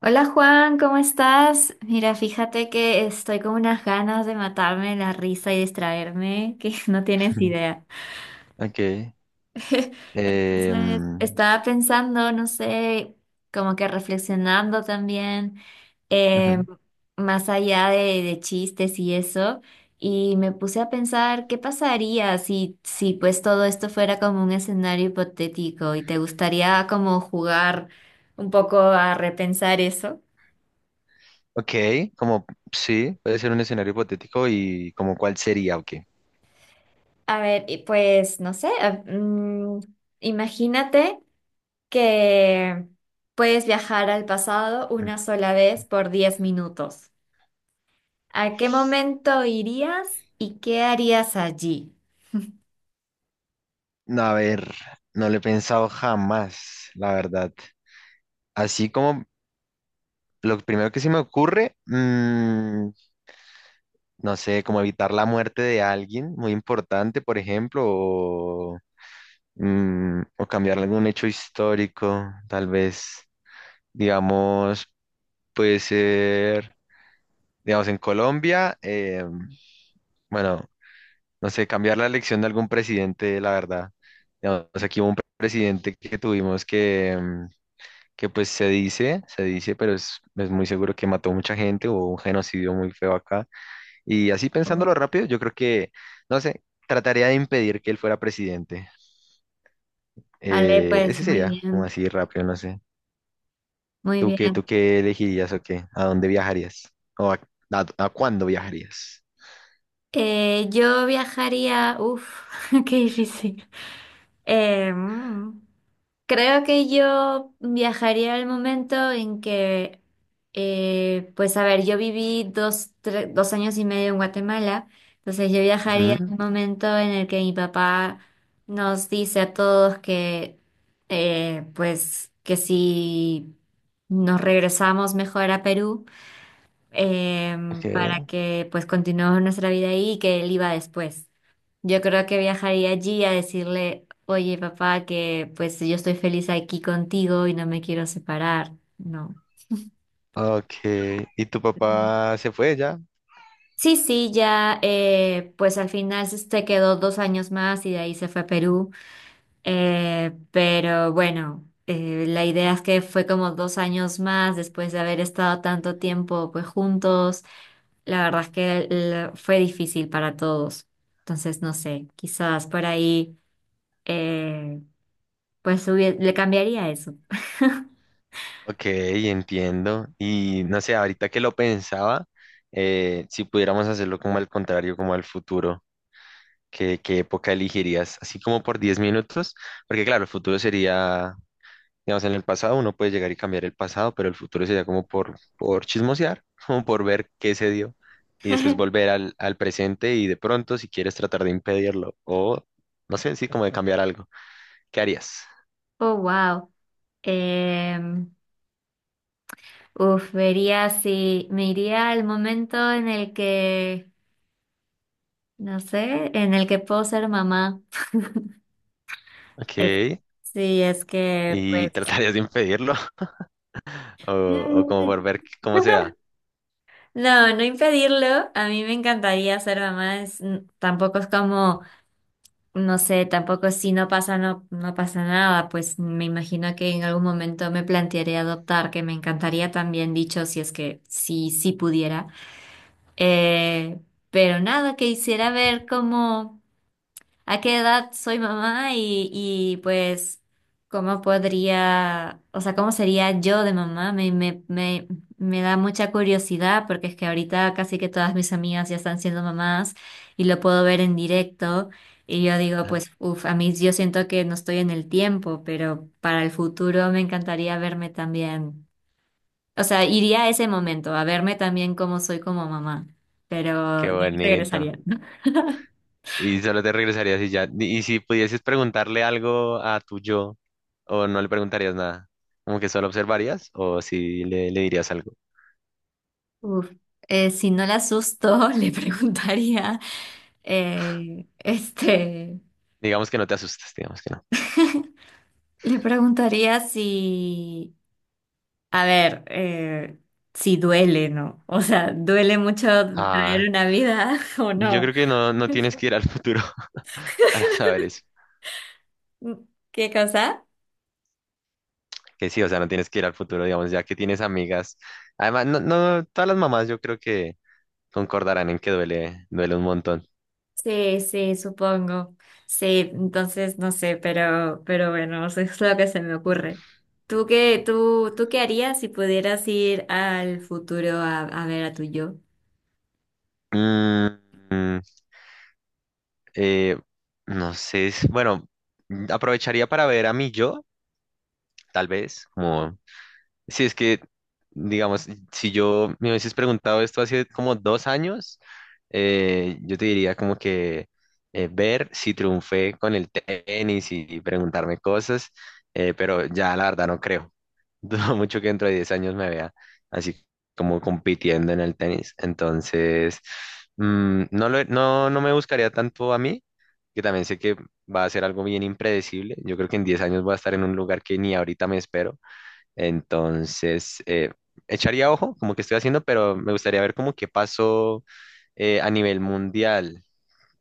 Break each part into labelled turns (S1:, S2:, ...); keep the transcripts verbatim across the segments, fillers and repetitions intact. S1: Hola Juan, ¿cómo estás? Mira, fíjate que estoy con unas ganas de matarme la risa y distraerme, que no tienes idea.
S2: Ok.
S1: Entonces,
S2: em,
S1: estaba pensando, no sé, como que reflexionando también, eh,
S2: Ujú.
S1: más allá de, de chistes y eso, y me puse a pensar qué pasaría si, si pues todo esto fuera como un escenario hipotético y te gustaría como jugar un poco a repensar eso.
S2: Ok, como sí, puede ser un escenario hipotético y como cuál sería, ok.
S1: A ver, y pues no sé, ah, mm, imagínate que puedes viajar al pasado una sola vez por diez minutos. ¿A qué momento irías y qué harías allí?
S2: No, a ver, no lo he pensado jamás, la verdad. Así como lo primero que se me ocurre, mm, no sé, como evitar la muerte de alguien muy importante, por ejemplo, o, mm, o cambiar algún hecho histórico, tal vez, digamos, puede ser, digamos, en Colombia. em, Bueno, no sé, cambiar la elección de algún presidente, la verdad. Digamos, aquí hubo un presidente que tuvimos que, mm, que pues se dice, se dice, pero es, es muy seguro que mató mucha gente, hubo un genocidio muy feo acá. Y así
S1: Oh.
S2: pensándolo rápido, yo creo que, no sé, trataría de impedir que él fuera presidente.
S1: Vale,
S2: Eh,
S1: pues
S2: ese
S1: muy
S2: sería, como
S1: bien,
S2: así rápido, no sé.
S1: muy
S2: ¿Tú qué,
S1: bien.
S2: tú qué elegirías o qué? ¿A dónde viajarías? ¿O a, a- a cuándo viajarías?
S1: Eh, yo viajaría, uff, qué difícil. Em, Creo que yo viajaría al momento en que, eh, pues a ver, yo viví dos, tre- dos años y medio en Guatemala, entonces yo viajaría
S2: Ujú,
S1: al momento en el que mi papá nos dice a todos que, eh, pues que si nos regresamos mejor a Perú em, para
S2: ok,
S1: que pues continuemos nuestra vida ahí y que él iba después. Yo creo que viajaría allí a decirle, oye papá, que pues yo estoy feliz aquí contigo y no me quiero separar. No.
S2: ok. ¿Y tu
S1: Ujú.
S2: papá se fue ya?
S1: Sí, sí, ya eh, pues al final se quedó dos años más y de ahí se fue a Perú. Eh, pero bueno, eh, la idea es que fue como dos años más después de haber estado tanto tiempo pues juntos. La verdad es que el- fue difícil para todos. Entonces, no sé, quizás por ahí, eh, pues hubie- le cambiaría eso.
S2: Ok, entiendo. Y no sé, ahorita que lo pensaba, eh, si pudiéramos hacerlo como al contrario, como al futuro, ¿qué, qué época elegirías? Así como por diez minutos, porque claro, el futuro sería, digamos, en el pasado uno puede llegar y cambiar el pasado, pero el futuro sería como por, por chismosear, como por ver qué se dio y después volver al, al presente y de pronto, si quieres tratar de impedirlo o, no sé, sí, como de cambiar algo. ¿Qué harías?
S1: Oh, wow. Em, uf, vería si me iría al momento en el que, no sé, en el que puedo ser mamá.
S2: Ok,
S1: Es- sí, es que,
S2: y
S1: pues...
S2: tratarías de impedirlo. O, o como por ver cómo se da.
S1: No, no impedirlo. A mí me encantaría ser mamá. es- tampoco es como... No sé, tampoco si no pasa, no, no pasa nada, pues me imagino que en algún momento me plantearé adoptar, que me encantaría también, dicho, si es que sí, sí pudiera. Eh, pero nada, que hiciera ver cómo a qué edad soy mamá y, y pues cómo podría, o sea, cómo sería yo de mamá, me, me, me, me da mucha curiosidad porque es que ahorita casi que todas mis amigas ya están siendo mamás y lo puedo ver en directo y yo digo, pues, uff, a mí yo siento que no estoy en el tiempo, pero para el futuro me encantaría verme también, o sea, iría a ese momento, a verme también cómo soy como mamá, pero
S2: Qué
S1: de ahí
S2: bonito.
S1: regresaría. ¿No?
S2: Y solo te regresarías y ya. Y si pudieses preguntarle algo a tu yo, o no le preguntarías nada, como que solo observarías, o si le, le dirías algo.
S1: Uf, eh, si no la asusto, le preguntaría, eh, este,
S2: Digamos que no te asustes, digamos que no.
S1: le preguntaría si, a ver, eh, si duele, ¿no? O sea, ¿duele mucho
S2: Ah,
S1: traer una vida o
S2: yo
S1: no?
S2: creo que no, no tienes que ir al futuro para saber eso.
S1: Mm, ¿Qué cosa?
S2: Que sí, o sea, no tienes que ir al futuro, digamos, ya que tienes amigas. Además, no, no, todas las mamás yo creo que concordarán en que duele, duele un montón.
S1: Sí, sí, supongo. Sí, entonces no sé, pero, pero bueno, eso es lo que se me ocurre. ¿Tú qué, tú, tú qué harías si pudieras ir al futuro a, a ver a tu yo?
S2: Mm, Eh, no sé, es- bueno, aprovecharía para ver a mi yo, tal vez, como si es que, digamos, si yo me hubieses preguntado esto hace como dos años, eh, yo te diría como que eh, ver si triunfé con el tenis y preguntarme cosas, eh, pero ya la verdad no creo. Dudo mucho que dentro de diez años me vea así como compitiendo en el tenis. Entonces, mm, no lo- no, no me buscaría tanto a mí, que también sé que va a ser algo bien impredecible. Yo creo que en diez años voy a estar en un lugar que ni ahorita me espero. Entonces, eh, echaría ojo como que estoy haciendo, pero me gustaría ver como qué pasó eh, a nivel mundial.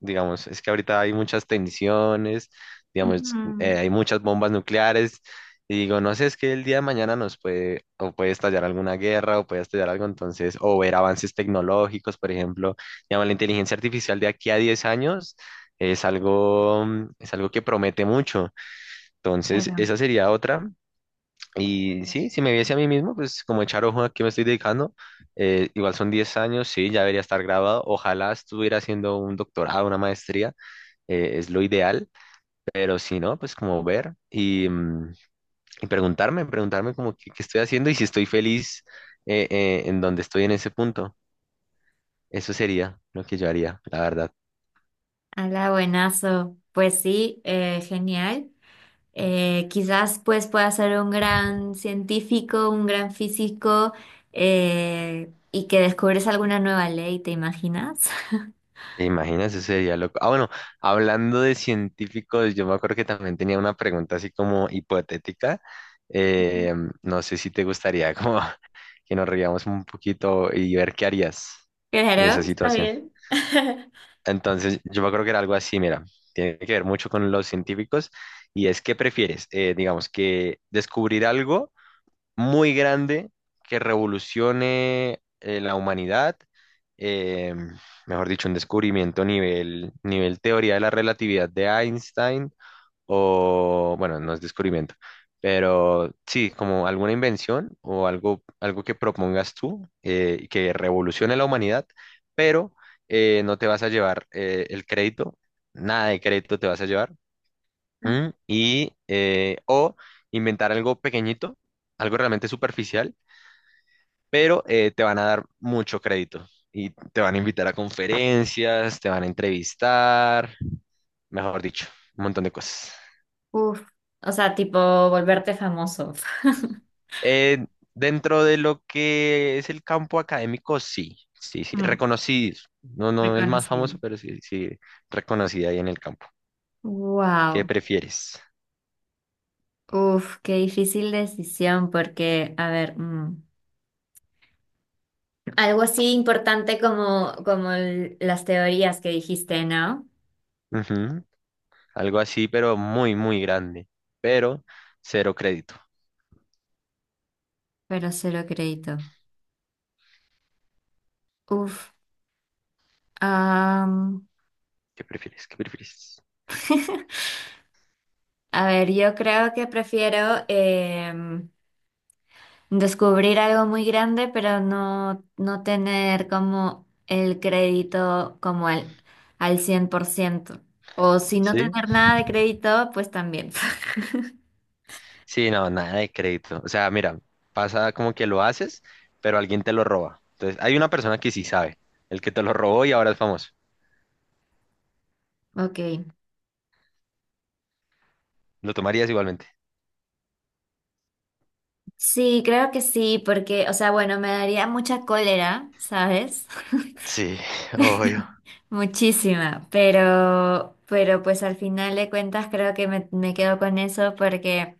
S2: Digamos, es que ahorita hay muchas tensiones, digamos,
S1: Ujú,
S2: eh, hay muchas bombas nucleares. Y digo, no sé, es que el día de mañana nos puede, o puede estallar alguna guerra, o puede estallar algo, entonces, o ver avances tecnológicos, por ejemplo, digamos, la inteligencia artificial de aquí a diez años es algo, mm, es algo que promete mucho. Entonces,
S1: claro.
S2: esa sería otra. Y sí, si me viese a mí mismo, pues como echar ojo a qué me estoy dedicando, eh, igual son diez años, sí, ya debería estar graduado. Ojalá estuviera haciendo un doctorado, una maestría, eh, es lo ideal, pero si no, pues como ver y, mm, y preguntarme, preguntarme como qué, qué estoy haciendo y si estoy feliz eh, eh, en donde estoy en ese punto. Eso sería lo que yo haría, la verdad.
S1: Hola, buenazo. Pues sí, eh, genial. Eh, quizás pues pueda ser un gran científico, un gran físico eh, y que descubres alguna nueva ley, ¿te imaginas?
S2: ¿Te imaginas? Eso sería loco. Ah, bueno, hablando de científicos, yo me acuerdo que también tenía una pregunta así como hipotética. Eh, no sé si te gustaría como que nos riamos un poquito y ver qué harías en esa
S1: Claro, está
S2: situación.
S1: bien.
S2: Entonces, yo me acuerdo que era algo así, mira, tiene que ver mucho con los científicos y es qué prefieres. Eh, digamos, que descubrir algo muy grande que revolucione eh, la humanidad, eh, mejor dicho, un descubrimiento nivel, nivel teoría de la relatividad de Einstein, o bueno, no es descubrimiento, pero sí, como alguna invención o algo, algo que propongas tú eh, que revolucione la humanidad, pero eh, no te vas a llevar eh, el crédito, nada de crédito te vas a llevar, ¿m? Y, eh, o inventar algo pequeñito, algo realmente superficial pero eh, te van a dar mucho crédito y te van a invitar a conferencias, te van a entrevistar, mejor dicho, un montón de cosas.
S1: Uf, o sea, tipo volverte famoso,
S2: Eh, Dentro de lo que es el campo académico, sí, sí, sí,
S1: Mm,
S2: reconocido. No, no el más
S1: reconocido.
S2: famoso, pero sí, sí, reconocido ahí en el campo. ¿Qué
S1: Wow,
S2: prefieres?
S1: uf, qué difícil decisión porque, a ver, mm. Algo así importante como, como el- las teorías que dijiste, ¿no?
S2: Ujú. Algo así, pero muy, muy grande, pero cero crédito.
S1: Pero cero crédito. Uf. am,
S2: ¿Qué prefieres? ¿Qué prefieres?
S1: a ver, yo creo que prefiero em, descubrir algo muy grande, pero no, no tener como el crédito como al, al cien por ciento. O si no
S2: ¿Sí?
S1: tener nada de crédito, pues también.
S2: Sí, no, nada de crédito. O sea, mira, pasa como que lo haces, pero alguien te lo roba. Entonces, hay una persona que sí sabe, el que te lo robó y ahora es famoso.
S1: Ok.
S2: ¿Lo tomarías igualmente?
S1: Sí, creo que sí, porque, o sea, bueno, me daría mucha cólera, ¿sabes?
S2: Sí, obvio.
S1: Muchísima, pero, pero pues al final de cuentas creo que me, me quedo con eso porque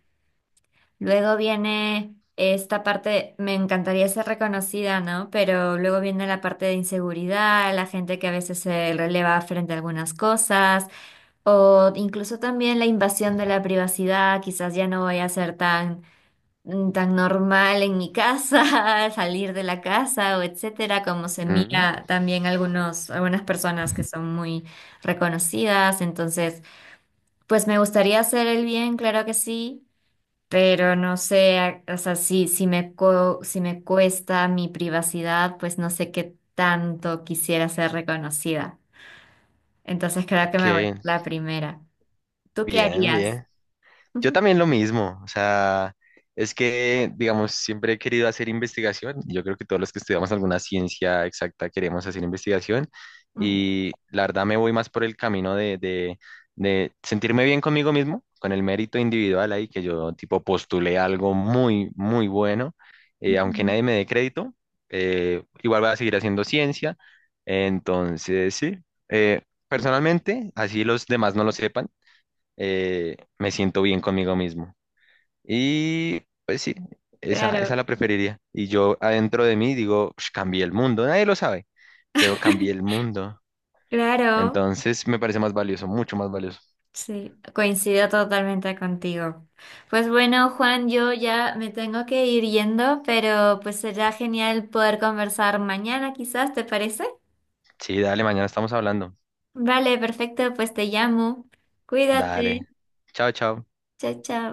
S1: luego viene esta parte, me encantaría ser reconocida, ¿no? Pero luego viene la parte de inseguridad, la gente que a veces se releva frente a algunas cosas, o incluso también la invasión de la privacidad, quizás ya no voy a ser tan mm, tan normal en mi casa, salir de la casa o etcétera, como se
S2: Mm,
S1: mira también algunos, algunas personas que son muy reconocidas. Entonces, pues me gustaría hacer el bien, claro que sí, pero no sé, a- o sea, si, si me, co- si me cuesta mi privacidad, pues no sé qué tanto quisiera ser reconocida. Entonces, creo que
S2: ok,
S1: me voy por la primera. ¿Tú qué
S2: bien,
S1: harías?
S2: bien. Yo también lo mismo, o sea, es que, digamos, siempre he querido hacer investigación. Yo creo que todos los que estudiamos alguna ciencia exacta queremos hacer investigación
S1: Ujú,
S2: y la verdad me voy más por el camino de, de, de sentirme bien conmigo mismo, con el mérito individual ahí, que yo tipo postulé algo muy, muy bueno, eh, aunque
S1: ujú.
S2: nadie me dé crédito, eh, igual voy a seguir haciendo ciencia. Entonces, sí, eh, personalmente, así los demás no lo sepan eh, me siento bien conmigo mismo. Y pues sí, esa, esa
S1: Claro,
S2: la preferiría. Y yo adentro de mí digo: "Ush, cambié el mundo, nadie lo sabe, pero cambié el mundo".
S1: claro.
S2: Entonces me parece más valioso, mucho más valioso.
S1: Sí, coincido totalmente contigo. Pues bueno, Juan, yo ya me tengo que ir yendo, pero pues será genial poder conversar mañana, quizás, ¿te parece?
S2: Sí, dale, mañana estamos hablando.
S1: Vale, perfecto, pues te llamo. Cuídate.
S2: Dale. Chao, chao.
S1: Chao, chao.